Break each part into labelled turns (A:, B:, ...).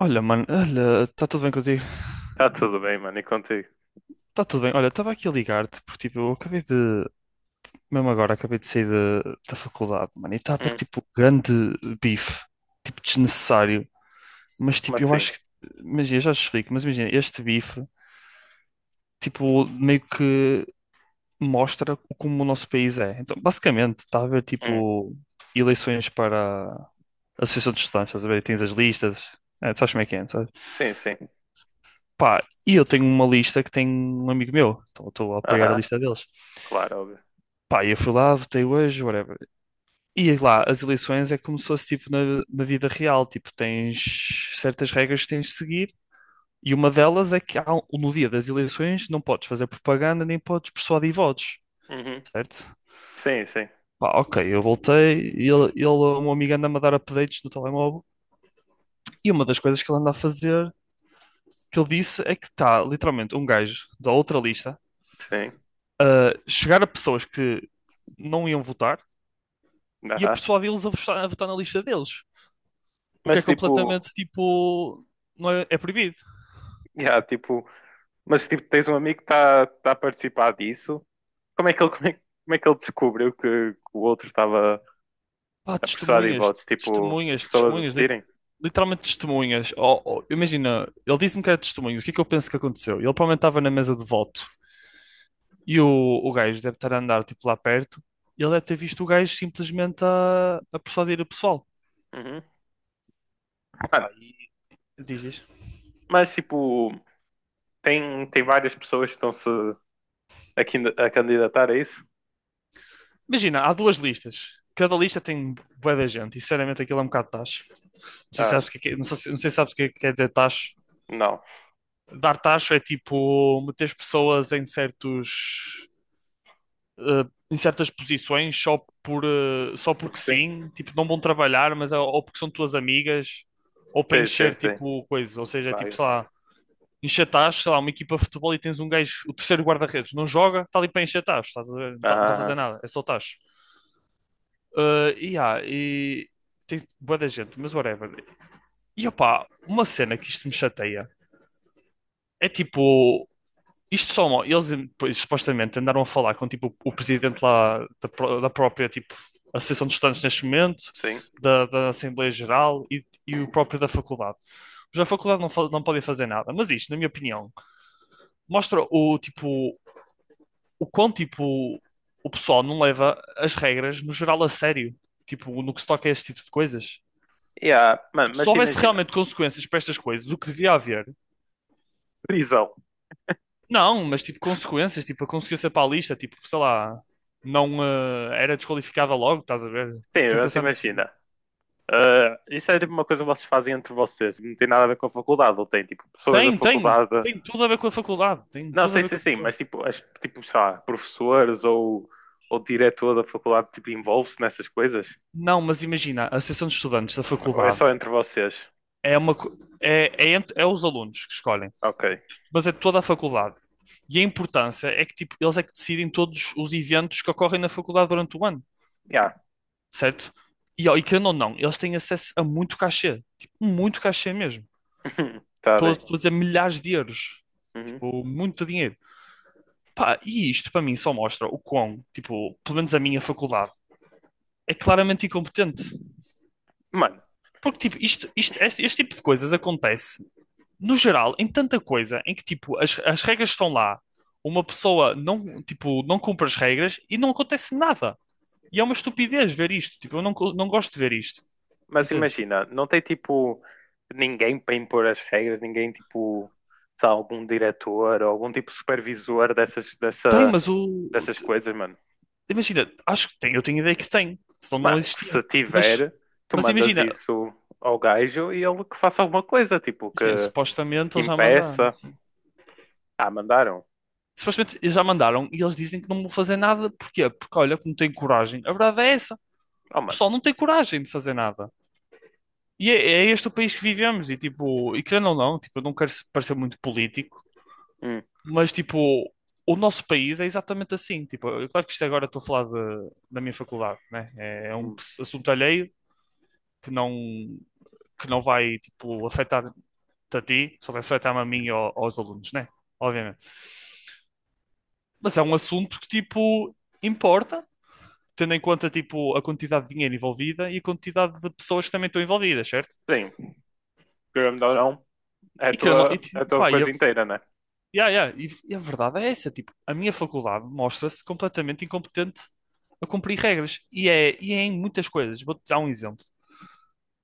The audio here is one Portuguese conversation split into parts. A: Olha, mano, olha, está tudo bem contigo?
B: Tá tudo bem, mano, e contigo?
A: Está tudo bem. Olha, estava aqui a ligar-te porque, tipo, mesmo agora, acabei de sair da faculdade, mano, e está a haver,
B: Hum.
A: tipo, grande bife, tipo, desnecessário. Mas,
B: Como
A: tipo,
B: assim?
A: imagina, eu já te explico, mas imagina, este bife, tipo, meio que mostra como o nosso país é. Então, basicamente, está a haver,
B: Hum.
A: tipo, eleições para a Associação de Estudantes, estás a ver? E tens as listas, é, tu sabes como é que é, não sabes?
B: Sim, sim.
A: Pá, e eu tenho uma lista que tem um amigo meu, então eu estou a apoiar a
B: Aham,
A: lista deles.
B: claro, óbvio.
A: Pá, e eu fui lá, votei hoje, whatever. E lá, as eleições é como se fosse tipo na vida real, tipo, tens certas regras que tens de seguir, e uma delas é que no dia das eleições não podes fazer propaganda nem podes persuadir votos,
B: Uhum.
A: certo?
B: Sim, sim,
A: Pá, ok, eu voltei, e o meu amigo anda-me a dar updates no telemóvel, e uma das coisas que ele anda a fazer, que ele disse, é que está literalmente um gajo da outra lista
B: sim.
A: a chegar a pessoas que não iam votar e a
B: Aham.
A: persuadi-los a votar na lista deles. O que é
B: Mas tipo,
A: completamente tipo. Não é, é proibido.
B: yeah, tipo, mas tipo, tens um amigo que está a participar disso. Como é que ele, como é que ele descobriu que o outro estava
A: Pá,
B: a prestar de
A: testemunhas,
B: votos? Tipo,
A: testemunhas,
B: pessoas
A: testemunhas,
B: assistirem?
A: literalmente testemunhas. Oh, oh, imagina, ele disse-me que era testemunhas, o que é que eu penso que aconteceu? Ele provavelmente estava na mesa de voto e o gajo deve estar a andar tipo lá perto e ele deve ter visto o gajo simplesmente a persuadir o pessoal.
B: Uhum. Mano,
A: Opa, e diz, diz.
B: mas tipo, tem várias pessoas que estão-se a candidatar a isso?
A: Imagina, há duas listas. Cada lista tem bué da gente e sinceramente aquilo é um bocado tacho. Não sei se
B: Ah,
A: sabes o que- é- não sei, não sei se sabes o que é que quer dizer tacho.
B: não.
A: Dar tacho é tipo meter as pessoas em certos eh, em certas posições só por só
B: Porque
A: porque
B: sim.
A: sim, tipo não vão trabalhar, ou porque são tuas amigas ou para
B: Sim, sim,
A: encher
B: sim.
A: tipo coisa, ou seja, é tipo, sei
B: Várias.
A: lá, encher tacho, sei lá, uma equipa de futebol e tens um gajo, o terceiro guarda-redes, não joga, está ali para encher tacho, estás a ver? Não está a fazer
B: Ah.
A: nada, é só tacho. Yeah, e tem bué da gente, mas whatever. E opá, uma cena que isto me chateia é tipo, isto só eles pois, supostamente andaram a falar com tipo o presidente da própria tipo Associação de Estudantes neste momento,
B: Sim.
A: da Assembleia Geral e o próprio da faculdade. Os da faculdade não podem fazer nada, mas isto, na minha opinião, mostra o quão tipo o pessoal não leva as regras no geral a sério, tipo no que se toca a esse tipo de coisas.
B: Yeah, mano,
A: Se
B: mas
A: houvesse
B: imagina,
A: realmente consequências para estas coisas, o que devia haver?
B: prisão.
A: Não, mas tipo, consequências, tipo, a consequência para a lista, tipo, sei lá, não eh, era desqualificada logo, estás a ver?
B: Sim,
A: Sem
B: mas
A: pensar muito.
B: imagina. Ah, isso é tipo uma coisa que vocês fazem entre vocês, não tem nada a ver com a faculdade, ou tem tipo pessoas da
A: Tem, tem,
B: faculdade.
A: tem tudo a ver com a faculdade, tem
B: Não,
A: tudo a
B: sei
A: ver com
B: se
A: a
B: sim, mas
A: faculdade.
B: tipo, as, tipo, sei lá, professores ou diretor da faculdade tipo, envolve-se nessas coisas?
A: Não, mas imagina, a Associação de Estudantes da
B: Ou é só
A: faculdade
B: entre vocês?
A: é uma co- é, é, ent- é os alunos que escolhem,
B: Ok.
A: mas é toda a faculdade. E a importância é que tipo, eles é que decidem todos os eventos que ocorrem na faculdade durante o ano.
B: Yeah.
A: Certo? E, ó, e querendo ou não, eles têm acesso a muito cachê, tipo, muito cachê mesmo.
B: Tá
A: Tipo,
B: bem.
A: estou a dizer milhares de euros,
B: Uhum.
A: tipo, muito dinheiro. Pá, e isto para mim só mostra o quão, tipo, pelo menos a minha faculdade, é claramente incompetente.
B: Mano,
A: Porque, tipo, este tipo de coisas acontece, no geral, em tanta coisa, em que, tipo, as regras estão lá, uma pessoa não, tipo, não cumpre as regras e não acontece nada. E é uma estupidez ver isto, tipo, eu não, co- não gosto de ver isto,
B: mas
A: entendes?
B: imagina, não tem tipo ninguém para impor as regras, ninguém tipo, sei lá, algum diretor ou algum tipo de supervisor
A: Tem, mas o,
B: dessas coisas, mano.
A: Imagina, acho que tem, eu tenho ideia que tem, senão não
B: Mano, que se
A: existiam.
B: tiver, tu
A: Mas
B: mandas
A: imagina,
B: isso ao gajo e ele que faça alguma coisa, tipo,
A: imagina, supostamente
B: que
A: eles já mandaram.
B: impeça. Ah, mandaram.
A: Supostamente eles já mandaram e eles dizem que não vão fazer nada. Porquê? Porque olha, que não tem coragem. A verdade é essa.
B: Oh,
A: O
B: mano.
A: pessoal não tem coragem de fazer nada. É este o país que vivemos. E tipo, e querendo ou não, tipo, eu não quero parecer muito político,
B: Hum,
A: mas tipo, o nosso país é exatamente assim. Tipo, eu, claro que isto agora estou a da minha faculdade, né? É um
B: hum.
A: assunto alheio que não que não vai tipo afetar a ti, só vai afetar-me a mim e aos alunos, né? Obviamente. Mas é um assunto que, tipo, importa, tendo em conta, tipo, a quantidade de dinheiro envolvida e a quantidade de pessoas que também estão envolvidas, certo?
B: Sim, querendo ou não,
A: E que eu não, e,
B: é
A: ti-
B: a tua
A: pá, e a,
B: coisa inteira, né?
A: yeah, yeah, e a verdade é essa, tipo, a minha faculdade mostra-se completamente incompetente a cumprir regras. E é em muitas coisas. Vou-te dar um exemplo.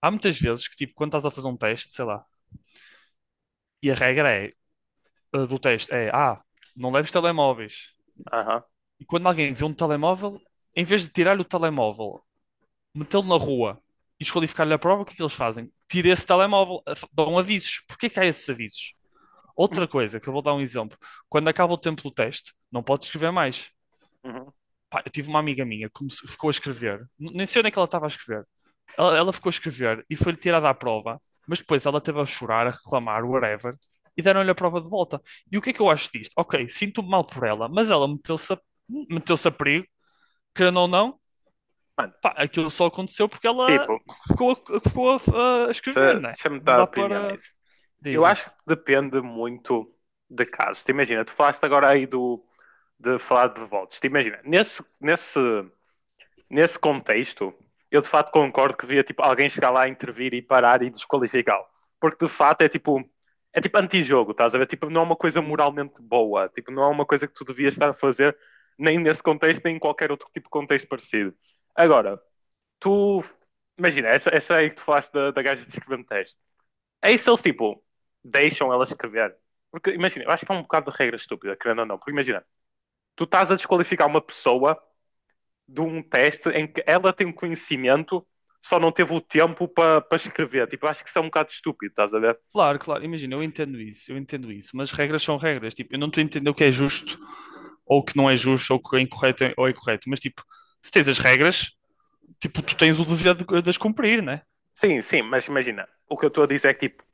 A: Há muitas vezes que, tipo, quando estás a fazer um teste, sei lá, e a regra é, eh, do teste é, ah, não leves telemóveis.
B: Aham.
A: E quando alguém vê um telemóvel, em vez de tirar-lhe o telemóvel, metê-lo na rua e desqualificar-lhe a prova, o que é que eles fazem? Tira esse telemóvel, dão avisos. Porquê que há esses avisos? Outra coisa, que eu vou dar um exemplo. Quando acaba o tempo do teste, não pode escrever mais.
B: Uhum.
A: Pá, eu tive uma amiga minha que ficou a escrever, nem sei onde é que ela estava a escrever. Ela ficou a escrever e foi-lhe tirada a prova, mas depois ela esteve a chorar, a reclamar, whatever, e deram-lhe a prova de volta. E o que é que eu acho disto? Ok, sinto-me mal por ela, mas meteu-se a perigo, querendo ou não.
B: Mano,
A: Pá, aquilo só aconteceu porque ela
B: tipo,
A: a escrever,
B: deixa-
A: né?
B: deixa-me
A: Não
B: dar a
A: dá
B: opinião
A: para.
B: nisso. Eu
A: Dizes.
B: acho que depende muito de casos. Te imagina, tu falaste agora aí do de falar de votos. Te imagina, nesse contexto, eu de fato concordo que devia tipo, alguém chegar lá, intervir e parar e desqualificá-lo. Porque de fato é tipo antijogo, estás a ver? Tipo, não é uma coisa
A: Uhum.
B: moralmente boa, tipo, não é uma coisa que tu devias estar a fazer nem nesse contexto, nem em qualquer outro tipo de contexto parecido. Agora, tu imagina, essa aí que tu falaste da gaja de escrever é isso eles, tipo, deixam ela escrever. Porque, imagina, eu acho que é um bocado de regra estúpida, querendo ou não. Porque, imagina, tu estás a desqualificar uma pessoa de um teste em que ela tem um conhecimento, só não teve o tempo para pa escrever. Tipo, eu acho que isso é um bocado estúpido, estás a ver?
A: Claro, claro, imagina, eu entendo isso, mas regras são regras. Tipo, eu não estou a entender o que é justo ou o que não é justo ou o que é incorreto ou é correto, mas tipo, se tens as regras, tipo, tu tens o dever de as cumprir, né?
B: Sim, sim, mas imagina, o que eu estou a dizer é que tipo,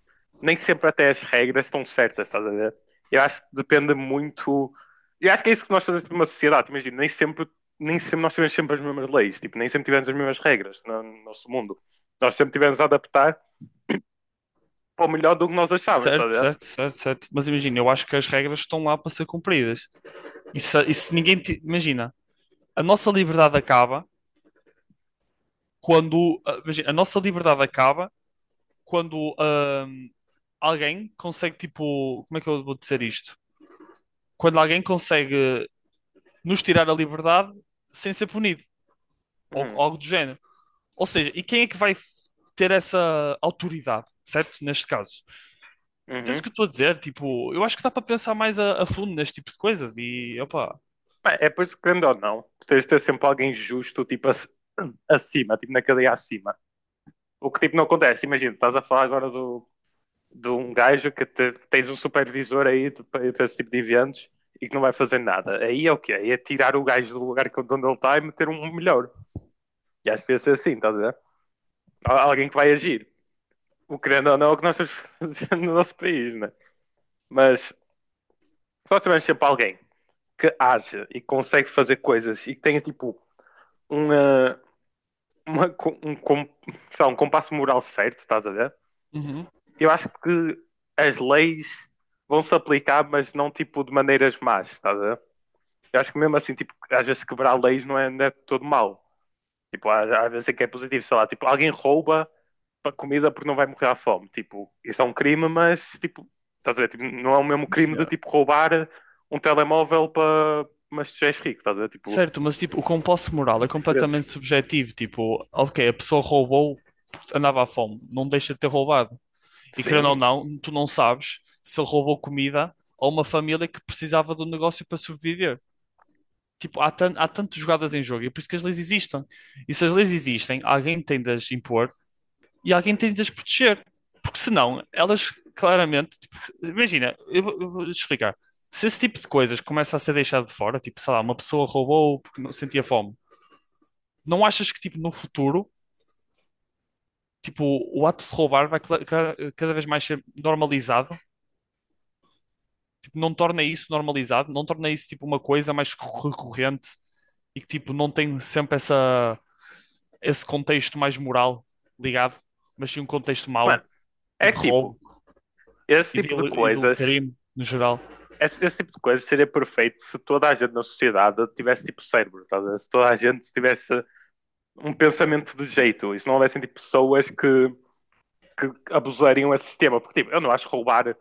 B: nem sempre até as regras estão certas, estás a ver? Eu acho que depende muito. Eu acho que é isso que nós fazemos numa sociedade, imagina, nem sempre nós tivemos sempre as mesmas leis, tipo, nem sempre tivemos as mesmas regras no nosso mundo. Nós sempre tivemos a adaptar para o melhor do que nós achávamos, estás a
A: Certo,
B: ver?
A: certo, certo, certo. Mas imagina, eu acho que as regras estão lá para ser cumpridas. E se ninguém. Ti- Imagina, a nossa liberdade acaba quando, imagina, a nossa liberdade acaba quando alguém consegue, tipo, como é que eu vou dizer isto? Quando alguém consegue nos tirar a liberdade sem ser punido, ou
B: Hum,
A: algo do género. Ou seja, e quem é que vai ter essa autoridade, certo? Neste caso. Entendes o
B: uhum.
A: que eu estou a dizer? Tipo, eu acho que dá para pensar mais a fundo neste tipo de coisas e, opa,
B: Bem, é por isso que, querendo ou não, tu tens de ter sempre alguém justo, tipo, acima, tipo, na cadeia acima. O que, tipo, não acontece, imagina, estás a falar agora do de um gajo tens um supervisor aí para esse tipo de eventos e que não vai fazer nada. Aí é o quê? Aí é tirar o gajo do lugar de onde ele está e meter um melhor. E acho que devia ser assim, estás a ver? Alguém que vai agir. O querendo ou não é o que nós estamos fazendo no nosso país, né? Mas se nós tivermos sempre alguém que age e consegue fazer coisas e que tenha tipo uma, um, sei lá, um compasso moral certo, estás a ver?
A: uhum.
B: Eu acho que as leis vão se aplicar, mas não tipo de maneiras más, estás a ver? Eu acho que mesmo assim, tipo, às vezes quebrar leis não é todo mal. Tipo, às, vezes é que é positivo, sei lá, tipo, alguém rouba comida porque não vai morrer à fome. Tipo, isso é um crime, mas, tipo, estás a ver? Tipo, não é o mesmo crime de,
A: Imagina.
B: tipo, roubar um telemóvel para... Mas tu já és rico, estás a ver? Tipo,
A: Certo, mas tipo, o compasso moral é
B: diferentes.
A: completamente subjetivo. Tipo, ok, a pessoa roubou porque andava à fome, não deixa de ter roubado. E querendo ou
B: Sim.
A: não, tu não sabes se ele roubou comida a uma família que precisava do negócio para sobreviver. Tipo, há tantas jogadas em jogo e é por isso que as leis existem. E se as leis existem, alguém tem de as impor e alguém tem de as proteger. Porque senão, elas claramente. Tipo, imagina, eu vou-te explicar. Se esse tipo de coisas começa a ser deixado de fora, tipo, sei lá, uma pessoa roubou porque não sentia fome, não achas que, tipo, no futuro, tipo, o ato de roubar vai cada vez mais ser normalizado? Tipo, não torna isso normalizado, não torna isso tipo uma coisa mais recorrente e que tipo não tem sempre essa esse contexto mais moral ligado, mas sim um contexto
B: Mano,
A: mau e
B: é
A: de
B: que, tipo,
A: roubo
B: esse tipo de
A: e de
B: coisas...
A: crime no geral.
B: Esse tipo de coisas seria perfeito se toda a gente na sociedade tivesse, tipo, cérebro, estás a ver? Se toda a gente tivesse um pensamento de jeito. E se não houvessem, tipo, pessoas que abusariam esse sistema, porque tipo, eu não acho roubar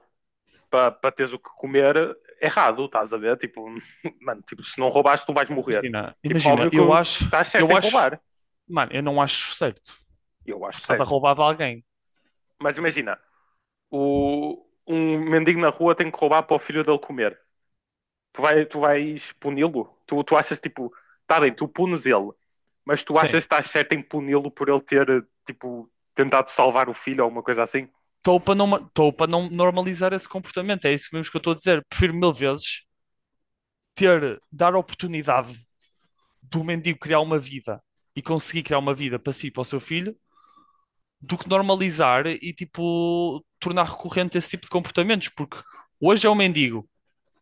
B: para pa teres o que comer errado, estás a ver? Tipo, mano, tipo, se não roubares tu vais morrer.
A: Imagina,
B: Tipo,
A: imagina,
B: óbvio que estás certo em
A: eu acho,
B: roubar.
A: mano, eu não acho certo,
B: Eu acho
A: porque estás a
B: certo.
A: roubar de alguém.
B: Mas imagina, um mendigo na rua tem que roubar para o filho dele comer. Tu vais puni-lo? Tu achas tipo, tá bem, tu punes ele, mas tu achas que
A: Sim.
B: estás certo em puni-lo por ele ter tipo tentado salvar o filho ou alguma coisa assim?
A: Estou para não normalizar esse comportamento, é isso mesmo que eu estou a dizer. Prefiro mil vezes ter, dar oportunidade do mendigo criar uma vida e conseguir criar uma vida para si e para o seu filho, do que normalizar e tipo tornar recorrente esse tipo de comportamentos, porque hoje é um mendigo,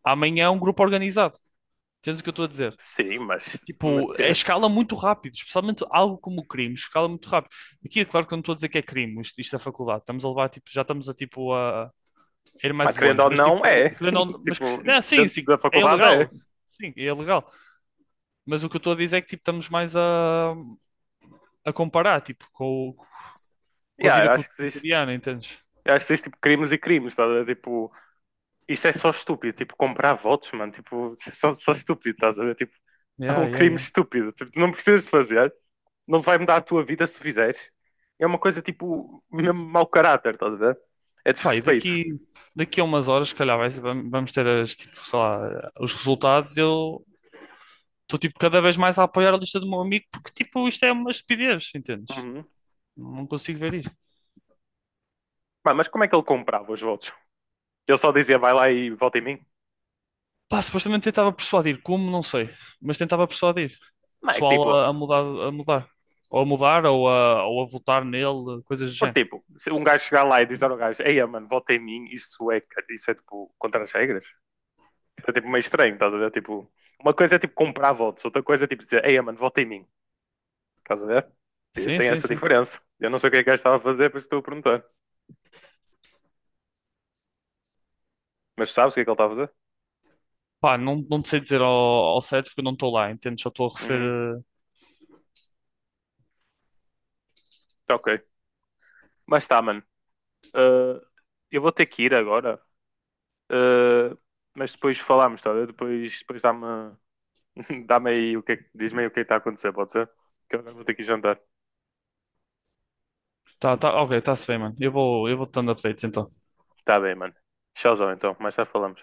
A: amanhã é um grupo organizado. Entendes o que eu estou a dizer?
B: Sim,
A: Tipo, é escala muito rápido, especialmente algo como crimes, escala muito rápido. Aqui é claro que eu não estou a dizer que é crime, isto é faculdade, estamos a levar, tipo, já estamos , tipo, a ir
B: mas
A: mais
B: querendo
A: longe,
B: ou
A: mas
B: não,
A: tipo,
B: é.
A: querendo ou não, mas,
B: Tipo,
A: não, sim,
B: dentro da faculdade é.
A: sim, é ilegal, mas o que eu estou a dizer é que, tipo, estamos mais a comparar, tipo, com a
B: Yeah,
A: vida cotidiana, entendes?
B: eu acho que existe tipo, crimes e crimes, estás a ver? Tipo, isso é só estúpido. Tipo, comprar votos, mano. Tipo, isso é só estúpido, estás a ver? Tipo, é
A: Yeah,
B: um
A: yeah,
B: crime
A: yeah.
B: estúpido. Tipo, tu não precisas fazer, não vai mudar a tua vida se tu fizeres. É uma coisa tipo, mesmo mau caráter, estás a ver? É
A: Pá, e
B: desrespeito.
A: daqui, daqui a umas horas, se calhar, vamos ter as, tipo, sei lá, os resultados. Eu estou, tipo, cada vez mais a apoiar a lista do meu amigo, porque, tipo, isto é uma estupidez, entendes?
B: Uhum.
A: Não consigo ver isto.
B: Pá, mas como é que ele comprava os votos? Ele só dizia, vai lá e vota em mim?
A: Pá, supostamente tentava persuadir, como, não sei, mas tentava persuadir o
B: Não, é que
A: pessoal
B: tipo,
A: a mudar, a mudar. Ou a mudar, ou a votar nele, coisas do
B: por
A: género.
B: tipo, se um gajo chegar lá e dizer ao gajo, ei, mano, vota em mim, isso é tipo, contra as regras. É tipo meio estranho, estás a ver? Tipo, uma coisa é tipo comprar votos, outra coisa é tipo dizer, ei, mano, vota em mim, estás a ver?
A: Sim,
B: Tem
A: sim,
B: essa
A: sim.
B: diferença. Eu não sei o que é que o gajo estava a fazer, por isso estou a perguntar. Mas sabes o que é que ele estava a fazer?
A: Pá, não, não te sei dizer ao certo porque eu não estou lá, entendo, só estou a
B: Uhum,
A: receber.
B: tá ok. Mas tá, mano. Uh, eu vou ter que ir agora. Uh, mas depois falamos, tá? Bem? Depois dá-me dá-me aí o que é que- diz-me aí o que é que está a acontecer, pode ser? Que eu agora vou ter que ir jantar.
A: Tá, tá, ok, tá-se bem, mano. Eu vou-te dando updates então.
B: Tá bem, mano. Tchauzão, então. Mais tarde falamos.